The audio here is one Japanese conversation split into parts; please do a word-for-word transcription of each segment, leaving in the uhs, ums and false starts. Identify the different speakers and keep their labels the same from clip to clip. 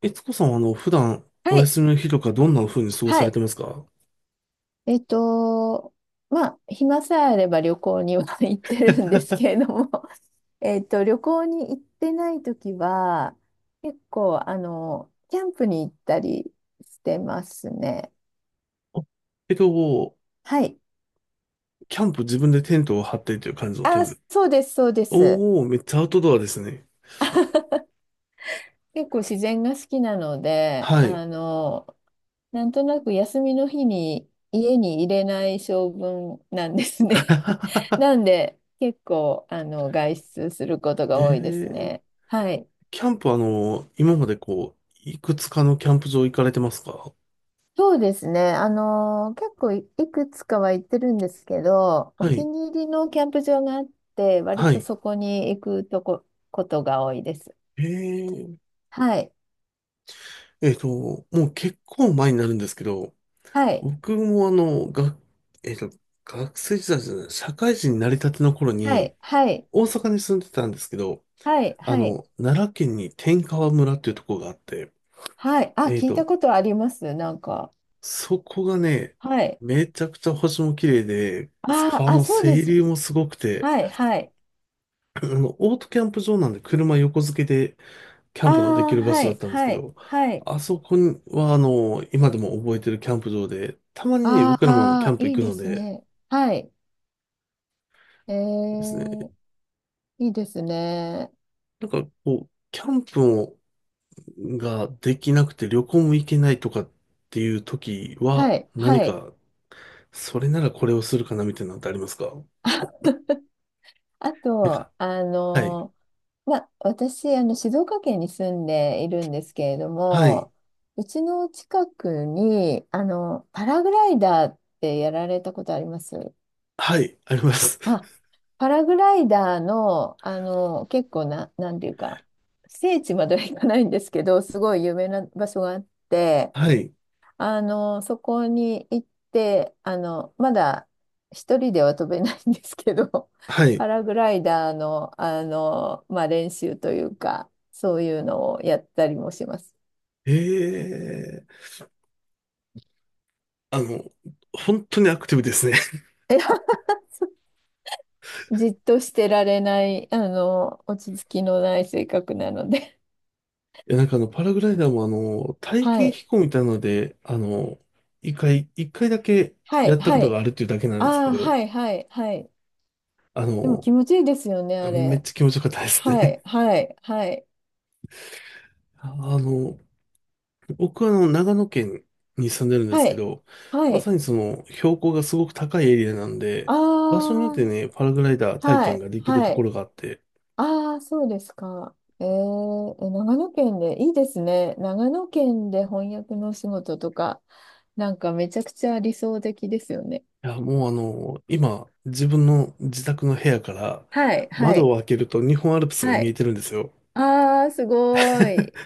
Speaker 1: えつこさんは、あの、普段、
Speaker 2: は
Speaker 1: お
Speaker 2: い。
Speaker 1: 休みの日とか、どんな風に過ご
Speaker 2: は
Speaker 1: されて
Speaker 2: い。
Speaker 1: ますか？
Speaker 2: えっと、まあ、暇さえあれば旅行には 行ってるんですけれども、えっと、旅行に行ってないときは、結構、あの、キャンプに行ったりしてますね。
Speaker 1: あえっと、
Speaker 2: はい。
Speaker 1: キャンプ、自分でテントを張ってという感じのテ
Speaker 2: あ、
Speaker 1: ント。
Speaker 2: そうです、そうです。
Speaker 1: おー、めっちゃアウトドアですね。
Speaker 2: 結構自然が好きなので、
Speaker 1: はい。
Speaker 2: あの、なんとなく休みの日に家に入れない性分なんですね。なんで、結構、あの、外出すること
Speaker 1: え
Speaker 2: が多いです
Speaker 1: ー、
Speaker 2: ね。はい。
Speaker 1: キャンプ、あの、今までこう、いくつかのキャンプ場行かれてますか？
Speaker 2: そうですね。あのー、結構い、いくつかは行ってるんですけど、お
Speaker 1: は
Speaker 2: 気
Speaker 1: い。
Speaker 2: に入りのキャンプ場があって、割
Speaker 1: は
Speaker 2: と
Speaker 1: い。
Speaker 2: そこに行くとこ、ことが多いです。
Speaker 1: えー、
Speaker 2: はい。
Speaker 1: えっと、もう結構前になるんですけど、
Speaker 2: はい。
Speaker 1: 僕もあの、が、えっと、学生時代じゃない、社会人になりたての頃
Speaker 2: は
Speaker 1: に、
Speaker 2: い。はい。
Speaker 1: 大阪に住んでたんですけど、
Speaker 2: はい。
Speaker 1: あ
Speaker 2: はい。
Speaker 1: の、奈良県に天川村っていうところがあって、
Speaker 2: はい。あ、
Speaker 1: えー
Speaker 2: 聞いた
Speaker 1: と、
Speaker 2: ことあります。なんか。
Speaker 1: そこがね、
Speaker 2: はい。
Speaker 1: めちゃくちゃ星も綺麗で、
Speaker 2: あー
Speaker 1: 川
Speaker 2: あ、
Speaker 1: の
Speaker 2: そうで
Speaker 1: 清
Speaker 2: す。
Speaker 1: 流もすごくて、
Speaker 2: はい。はい。
Speaker 1: あの、オートキャンプ場なんで車横付けでキャ
Speaker 2: あ
Speaker 1: ンプのでき
Speaker 2: あ、
Speaker 1: る場
Speaker 2: は
Speaker 1: 所だっ
Speaker 2: い。
Speaker 1: たんですけ
Speaker 2: はい。
Speaker 1: ど、
Speaker 2: はい。
Speaker 1: あそこにはあの、今でも覚えてるキャンプ場で、たまにね、
Speaker 2: あ
Speaker 1: 僕らもあのキャ
Speaker 2: あ、
Speaker 1: ンプ
Speaker 2: い
Speaker 1: 行
Speaker 2: い
Speaker 1: く
Speaker 2: で
Speaker 1: の
Speaker 2: す
Speaker 1: で
Speaker 2: ね。はい。え
Speaker 1: ですね、
Speaker 2: ー、いいですね。
Speaker 1: なんかこう、キャンプをができなくて旅行も行けないとかっていう時は、
Speaker 2: はい、
Speaker 1: 何
Speaker 2: はい。
Speaker 1: かそれならこれをするかなみたいなのってありますか？
Speaker 2: あ、あ
Speaker 1: なんか、
Speaker 2: と、あ
Speaker 1: はい。
Speaker 2: の、ま私、あの、静岡県に住んでいるんですけれど
Speaker 1: はい。
Speaker 2: も、うちの近くに、あの、パラグライダーってやられたことあります？
Speaker 1: はい。あります。
Speaker 2: あ、パラグライダーの、あの、結構な、なんていうか、聖地までは行かないんですけど、すごい有名な場所があって、
Speaker 1: はい。
Speaker 2: あの、そこに行って、あの、まだ一人では飛べないんですけど、
Speaker 1: は い。
Speaker 2: パラグライダーの、あの、まあ、練習というか、そういうのをやったりもします。
Speaker 1: ええ。あの、本当にアクティブですね。
Speaker 2: じっとしてられない、あの、落ち着きのない性格なので。
Speaker 1: いや、なんかあの、パラグライダーもあの、体
Speaker 2: は
Speaker 1: 験
Speaker 2: い。
Speaker 1: 飛行みたいなので、あの、一回、一回だけ
Speaker 2: は
Speaker 1: や
Speaker 2: い、
Speaker 1: った
Speaker 2: は
Speaker 1: ことが
Speaker 2: い。
Speaker 1: あるっていうだけなんです
Speaker 2: あ
Speaker 1: け
Speaker 2: あ、
Speaker 1: ど、
Speaker 2: はい、はい、はい。
Speaker 1: あ
Speaker 2: でも
Speaker 1: の、
Speaker 2: 気持ちいいですよね、あ
Speaker 1: めっ
Speaker 2: れ。
Speaker 1: ちゃ気持ちよかったです
Speaker 2: は
Speaker 1: ね。
Speaker 2: い、はい、はい、
Speaker 1: あの、僕はあの長野県に住んでるんです
Speaker 2: は
Speaker 1: け
Speaker 2: い、
Speaker 1: ど、
Speaker 2: は
Speaker 1: ま
Speaker 2: い。
Speaker 1: さにその標高がすごく高いエリアなん
Speaker 2: あ
Speaker 1: で、場所によっ
Speaker 2: あ、
Speaker 1: てね、パラグライダー体
Speaker 2: は
Speaker 1: 験が
Speaker 2: い、
Speaker 1: できる
Speaker 2: は
Speaker 1: とこ
Speaker 2: い。
Speaker 1: ろがあって、
Speaker 2: ああ、そうですか。えー、え、長野県で、いいですね。長野県で翻訳のお仕事とか、なんかめちゃくちゃ理想的ですよね。
Speaker 1: いや、もうあの、今、自分の自宅の部屋から
Speaker 2: はい、は
Speaker 1: 窓
Speaker 2: い、
Speaker 1: を開けると日本アルプスが
Speaker 2: は
Speaker 1: 見え
Speaker 2: い。
Speaker 1: てるんですよ。
Speaker 2: ああ、すご い。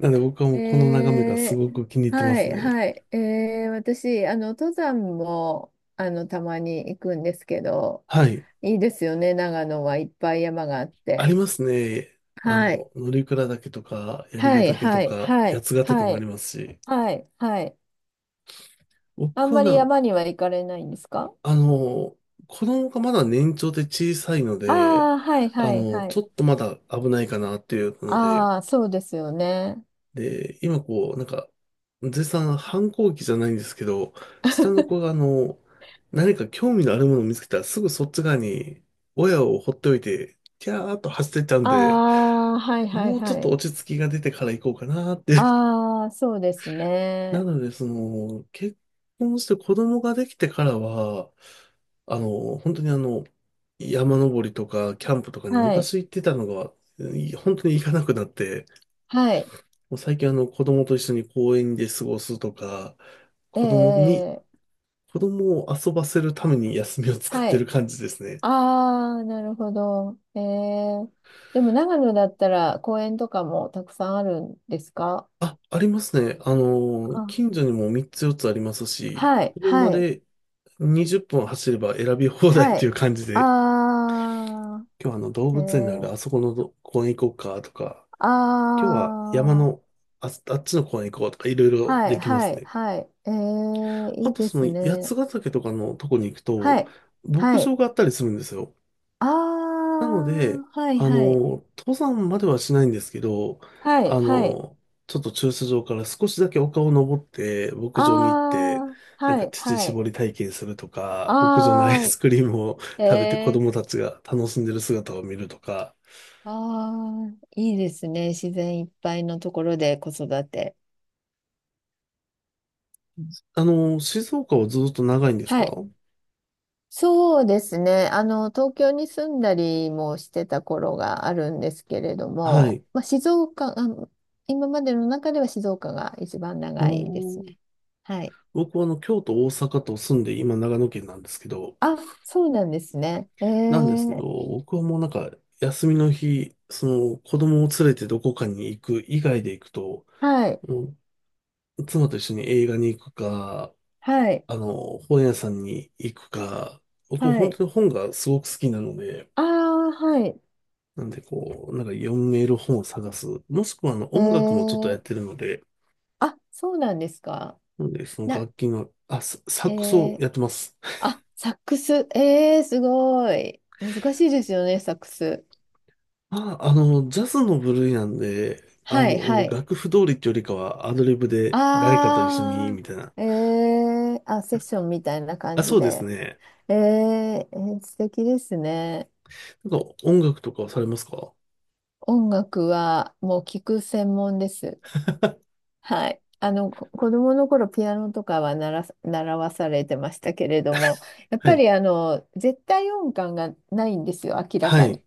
Speaker 1: なので僕はもうこの眺め
Speaker 2: え
Speaker 1: がすご
Speaker 2: ー、
Speaker 1: く気に入ってま
Speaker 2: は
Speaker 1: す
Speaker 2: い、
Speaker 1: ね。
Speaker 2: はい。えー、私、あの、登山も、あの、たまに行くんですけど、
Speaker 1: はい。
Speaker 2: いいですよね、長野はいっぱい山があっ
Speaker 1: あ
Speaker 2: て。
Speaker 1: りますね。あ
Speaker 2: はい、
Speaker 1: の、乗鞍岳とか、槍
Speaker 2: は
Speaker 1: ヶ
Speaker 2: い、
Speaker 1: 岳と
Speaker 2: はい、
Speaker 1: か、
Speaker 2: はい、
Speaker 1: 八ヶ岳
Speaker 2: は
Speaker 1: もあり
Speaker 2: い、
Speaker 1: ますし、
Speaker 2: はい、はい。あん
Speaker 1: 僕は
Speaker 2: まり
Speaker 1: な、
Speaker 2: 山には行かれないんですか？
Speaker 1: あの、子供がまだ年長で小さいの
Speaker 2: あ
Speaker 1: で、
Speaker 2: あー、はい
Speaker 1: あ
Speaker 2: はい
Speaker 1: の、
Speaker 2: は
Speaker 1: ちょ
Speaker 2: い。
Speaker 1: っとまだ危ないかなっていうので、
Speaker 2: ああ、そうですよね。
Speaker 1: で、今こう、なんか、絶賛反抗期じゃないんですけど、下の子があ の、何か興味のあるものを見つけたらすぐそっち側に親を放っておいて、キャーっと走ってっちゃうん
Speaker 2: あ
Speaker 1: で、
Speaker 2: あ、はいはい
Speaker 1: もうちょっ
Speaker 2: は
Speaker 1: と
Speaker 2: い。
Speaker 1: 落ち着きが出てから行こうかなって。
Speaker 2: ああ、そうです
Speaker 1: な
Speaker 2: ね。
Speaker 1: ので、その、結婚して子供ができてからは、あの、本当にあの、山登りとか、キャンプとかに
Speaker 2: はい、
Speaker 1: 昔行ってたのが、い本当に行かなくなって、
Speaker 2: はい。
Speaker 1: もう最近あの、子供と一緒に公園で過ごすとか、
Speaker 2: え
Speaker 1: 子供に、
Speaker 2: え、
Speaker 1: 子供を遊ばせるために休みを使っ
Speaker 2: は
Speaker 1: てる
Speaker 2: い。
Speaker 1: 感じですね。
Speaker 2: ああ、なるほど。ええ。でも長野だったら公園とかもたくさんあるんですか？
Speaker 1: あ、ありますね。あの、近
Speaker 2: あ、
Speaker 1: 所にもみっつよっつありますし、
Speaker 2: はい、
Speaker 1: 車
Speaker 2: はい、
Speaker 1: でにじゅっぷん走れば選び放題っ
Speaker 2: は
Speaker 1: ていう
Speaker 2: い。
Speaker 1: 感じで、
Speaker 2: ああ、
Speaker 1: 今日あの動
Speaker 2: え
Speaker 1: 物園な
Speaker 2: え、
Speaker 1: らあそこのど公園行こうかとか、今日は山
Speaker 2: ああ、
Speaker 1: のあ、あっちの方に行こうとかいろいろ
Speaker 2: はい、
Speaker 1: できま
Speaker 2: は
Speaker 1: す
Speaker 2: い、
Speaker 1: ね。
Speaker 2: はい。えー、
Speaker 1: あ
Speaker 2: いい
Speaker 1: と
Speaker 2: で
Speaker 1: そ
Speaker 2: す
Speaker 1: の八
Speaker 2: ね。
Speaker 1: ヶ岳とかのとこに行く
Speaker 2: は
Speaker 1: と
Speaker 2: い、
Speaker 1: 牧
Speaker 2: はい。
Speaker 1: 場があったりするんですよ。
Speaker 2: あ
Speaker 1: なので、
Speaker 2: ー、はい、
Speaker 1: あ
Speaker 2: はい。
Speaker 1: の、登山まではしないんですけど、
Speaker 2: はい、
Speaker 1: あ
Speaker 2: はい。
Speaker 1: の、ちょっと駐車場から少しだけ丘を登って牧場に行って、
Speaker 2: あー、
Speaker 1: なん
Speaker 2: は
Speaker 1: か
Speaker 2: い、
Speaker 1: 乳
Speaker 2: はい。
Speaker 1: 搾り体験するとか、牧場のアイ
Speaker 2: あ
Speaker 1: スクリームを
Speaker 2: ー、
Speaker 1: 食べて子
Speaker 2: えー、
Speaker 1: 供たちが楽しんでる姿を見るとか、
Speaker 2: あー、いいですね。自然いっぱいのところで子育て。
Speaker 1: あの、静岡はずっと長いんです
Speaker 2: は
Speaker 1: か？
Speaker 2: い。そうですね。あの、東京に住んだりもしてた頃があるんですけれど
Speaker 1: は
Speaker 2: も、
Speaker 1: い。
Speaker 2: まあ、静岡、あの今までの中では静岡が一番
Speaker 1: あ
Speaker 2: 長いです
Speaker 1: ー。
Speaker 2: ね。はい。
Speaker 1: 僕はあの、京都、大阪と住んで、今長野県なんですけど、
Speaker 2: あ、そうなんですね。え
Speaker 1: なんですけど、
Speaker 2: ー、
Speaker 1: 僕はもうなんか、休みの日、その、子供を連れてどこかに行く以外で行くと、
Speaker 2: はい、
Speaker 1: もう妻と一緒に映画に行くか、
Speaker 2: はい、
Speaker 1: あの、本屋さんに行くか、僕
Speaker 2: は
Speaker 1: 本
Speaker 2: い。
Speaker 1: 当に本がすごく好きなので、
Speaker 2: ああ、はい。
Speaker 1: なんでこう、なんか読める本を探す。もしくはあの、
Speaker 2: え
Speaker 1: 音楽もちょっとやっ
Speaker 2: ー、
Speaker 1: てるので、
Speaker 2: あ、そうなんですか。
Speaker 1: なんでその
Speaker 2: な、
Speaker 1: 楽器の、あ、ササ
Speaker 2: え
Speaker 1: ックスを
Speaker 2: ー、
Speaker 1: やってます。
Speaker 2: あ、サックス。えー、すごい。難しいですよね、サックス。
Speaker 1: あ、あの、ジャズの部類なんで、あ
Speaker 2: はい、は
Speaker 1: の、
Speaker 2: い。
Speaker 1: 楽譜通りってよりかはアドリブで誰かと一緒に、
Speaker 2: あ
Speaker 1: みたいな。
Speaker 2: あ、えー、あ、セッションみたいな
Speaker 1: あ、
Speaker 2: 感じ
Speaker 1: そうです
Speaker 2: で。
Speaker 1: ね。
Speaker 2: えー、えー素敵ですね。
Speaker 1: なんか音楽とかはされますか？
Speaker 2: 音楽はもう聞く専門です。はい。あの、こ子供の頃ピアノとかは習わさ、習わされてましたけれども、やっ
Speaker 1: は
Speaker 2: ぱ
Speaker 1: い。
Speaker 2: りあの、絶対音感がないんですよ、明ら
Speaker 1: は
Speaker 2: かに。
Speaker 1: い。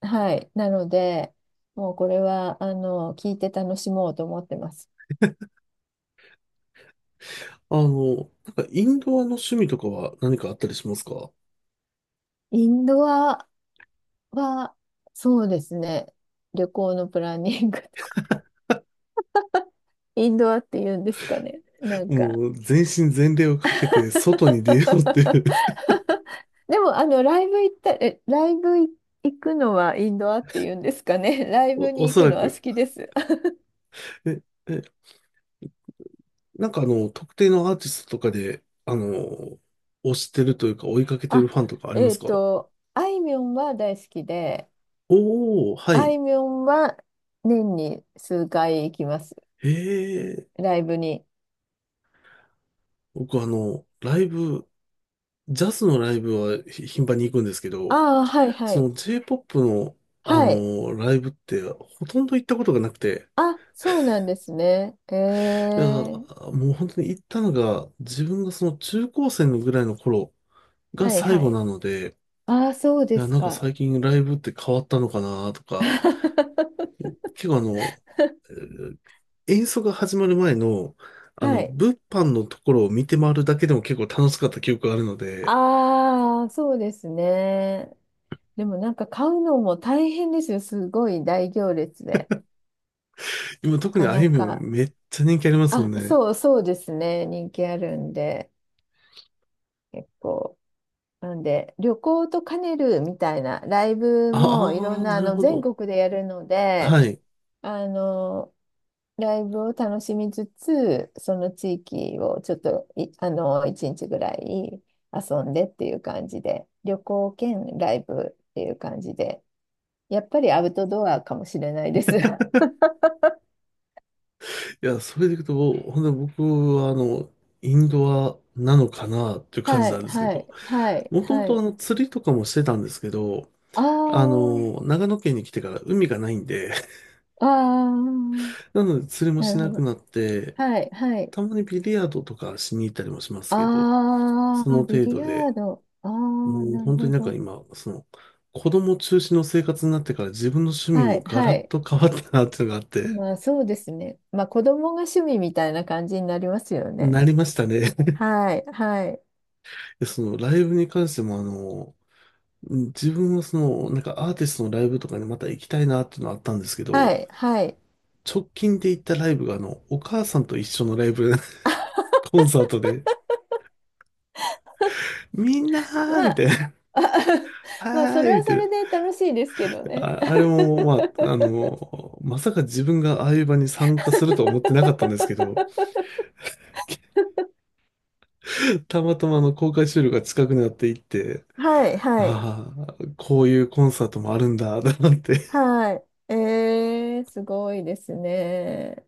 Speaker 2: はい。なので、もうこれは、あの、聞いて楽しもうと思ってます。
Speaker 1: あの、なんかインドアの趣味とかは何かあったりしますか？
Speaker 2: インドアは、そうですね。旅行のプランニングとか、インドアって言うんですかね。なんか。
Speaker 1: もう全身全霊をかけて外に出ようってい う
Speaker 2: でも、あの、ライブ行った、え、ライブい行くのはインドアっていうんですかね。ラ イブ
Speaker 1: お、
Speaker 2: に
Speaker 1: お
Speaker 2: 行
Speaker 1: そ
Speaker 2: く
Speaker 1: ら
Speaker 2: のは好
Speaker 1: く。
Speaker 2: きです。
Speaker 1: え、え、なんかあの、特定のアーティストとかで、あの、推してるというか追いかけ てる
Speaker 2: あ、
Speaker 1: ファンとかありま
Speaker 2: えっ
Speaker 1: すか？
Speaker 2: と、あいみょんは大好きで、
Speaker 1: おー、は
Speaker 2: あ
Speaker 1: い。
Speaker 2: いみょんは年に数回行きます。
Speaker 1: へえ。
Speaker 2: ライブに。
Speaker 1: 僕あの、ライブ、ジャズのライブはひ頻繁に行くんですけど、
Speaker 2: ああ、はいは
Speaker 1: そ
Speaker 2: い。
Speaker 1: の J-ポップ のあ
Speaker 2: はい。
Speaker 1: の、ライブってほとんど行ったことがなくて、
Speaker 2: あ、そうなんですね。え
Speaker 1: いや、
Speaker 2: ー、
Speaker 1: もう本当に行ったのが自分がその中高生のぐらいの頃が
Speaker 2: はい
Speaker 1: 最
Speaker 2: は
Speaker 1: 後
Speaker 2: い。
Speaker 1: なので、
Speaker 2: ああ、そう
Speaker 1: い
Speaker 2: で
Speaker 1: や、
Speaker 2: す
Speaker 1: なんか
Speaker 2: か。
Speaker 1: 最近ライブって変わったのかなとか、結構あの、えー演奏が始まる前の、あ
Speaker 2: は
Speaker 1: の、
Speaker 2: い。
Speaker 1: 物販のところを見て回るだけでも結構楽しかった記憶があるので、
Speaker 2: ああ、そうですね。でもなんか買うのも大変ですよ。すごい大行列で。
Speaker 1: 今
Speaker 2: な
Speaker 1: 特に
Speaker 2: か
Speaker 1: あ
Speaker 2: な
Speaker 1: いみょん
Speaker 2: か。
Speaker 1: めっちゃ人気ありますもん
Speaker 2: あ、
Speaker 1: ね。
Speaker 2: そうそうですね。人気あるんで、結構。なんで、旅行と兼ねるみたいな、ライブもい
Speaker 1: あ
Speaker 2: ろん
Speaker 1: あー、
Speaker 2: な、
Speaker 1: な
Speaker 2: あ
Speaker 1: る
Speaker 2: の、
Speaker 1: ほ
Speaker 2: 全
Speaker 1: ど。
Speaker 2: 国でやるので、
Speaker 1: はい。い
Speaker 2: あの、ライブを楽しみつつ、その地域をちょっとい、あの、一日ぐらい遊んでっていう感じで、旅行兼ライブっていう感じで、やっぱりアウトドアかもしれないです。
Speaker 1: や、それでいくと、ほんで僕はあの、インドアなのかなっていう感じ
Speaker 2: は
Speaker 1: なん
Speaker 2: い、
Speaker 1: ですけ
Speaker 2: は
Speaker 1: ど、
Speaker 2: い、はい、
Speaker 1: もとも
Speaker 2: は
Speaker 1: とあ
Speaker 2: い。
Speaker 1: の、釣りとかもしてたんですけど、
Speaker 2: あ
Speaker 1: あ
Speaker 2: ー、
Speaker 1: の、長野県に来てから海がないんで、
Speaker 2: あー、
Speaker 1: なので釣りも
Speaker 2: な
Speaker 1: し
Speaker 2: るほ
Speaker 1: なく
Speaker 2: ど。
Speaker 1: なって、
Speaker 2: はい、はい。
Speaker 1: たまにビリヤードとかしに行ったりもしますけど、
Speaker 2: あ
Speaker 1: その
Speaker 2: ー、ビ
Speaker 1: 程
Speaker 2: リ
Speaker 1: 度
Speaker 2: ヤー
Speaker 1: で、
Speaker 2: ド。あー、
Speaker 1: もう
Speaker 2: なる
Speaker 1: 本当
Speaker 2: ほ
Speaker 1: になんか
Speaker 2: ど。
Speaker 1: 今、その、子供中心の生活になってから自分の趣味
Speaker 2: は
Speaker 1: も
Speaker 2: い、
Speaker 1: ガ
Speaker 2: は
Speaker 1: ラッ
Speaker 2: い。
Speaker 1: と変わったなっていうのがあって、
Speaker 2: まあ、そうですね。まあ、子供が趣味みたいな感じになりますよね。
Speaker 1: なりましたね。
Speaker 2: はい、はい、
Speaker 1: そのライブに関してもあの、自分はその、なんかアーティストのライブとかにまた行きたいなっていうのはあったんですけ
Speaker 2: は
Speaker 1: ど、
Speaker 2: い、はい。
Speaker 1: 直近で行ったライブがあの、お母さんと一緒のライブ、コンサートで、みんなー
Speaker 2: ま
Speaker 1: みた
Speaker 2: あ、
Speaker 1: いな、
Speaker 2: あ まあ、
Speaker 1: は
Speaker 2: そ
Speaker 1: ー
Speaker 2: れ
Speaker 1: い
Speaker 2: は
Speaker 1: み
Speaker 2: そ
Speaker 1: たいな。
Speaker 2: れで楽しいですけどね。
Speaker 1: あ、あれも、まあ、あの、まさか自分がああいう場に参加するとは思ってなかったんですけど、たまたまあの公開収録が近くなっていって、
Speaker 2: はい、はい、
Speaker 1: ああ、こういうコンサートもあるんだ、と思って
Speaker 2: はい。えー、すごいですね。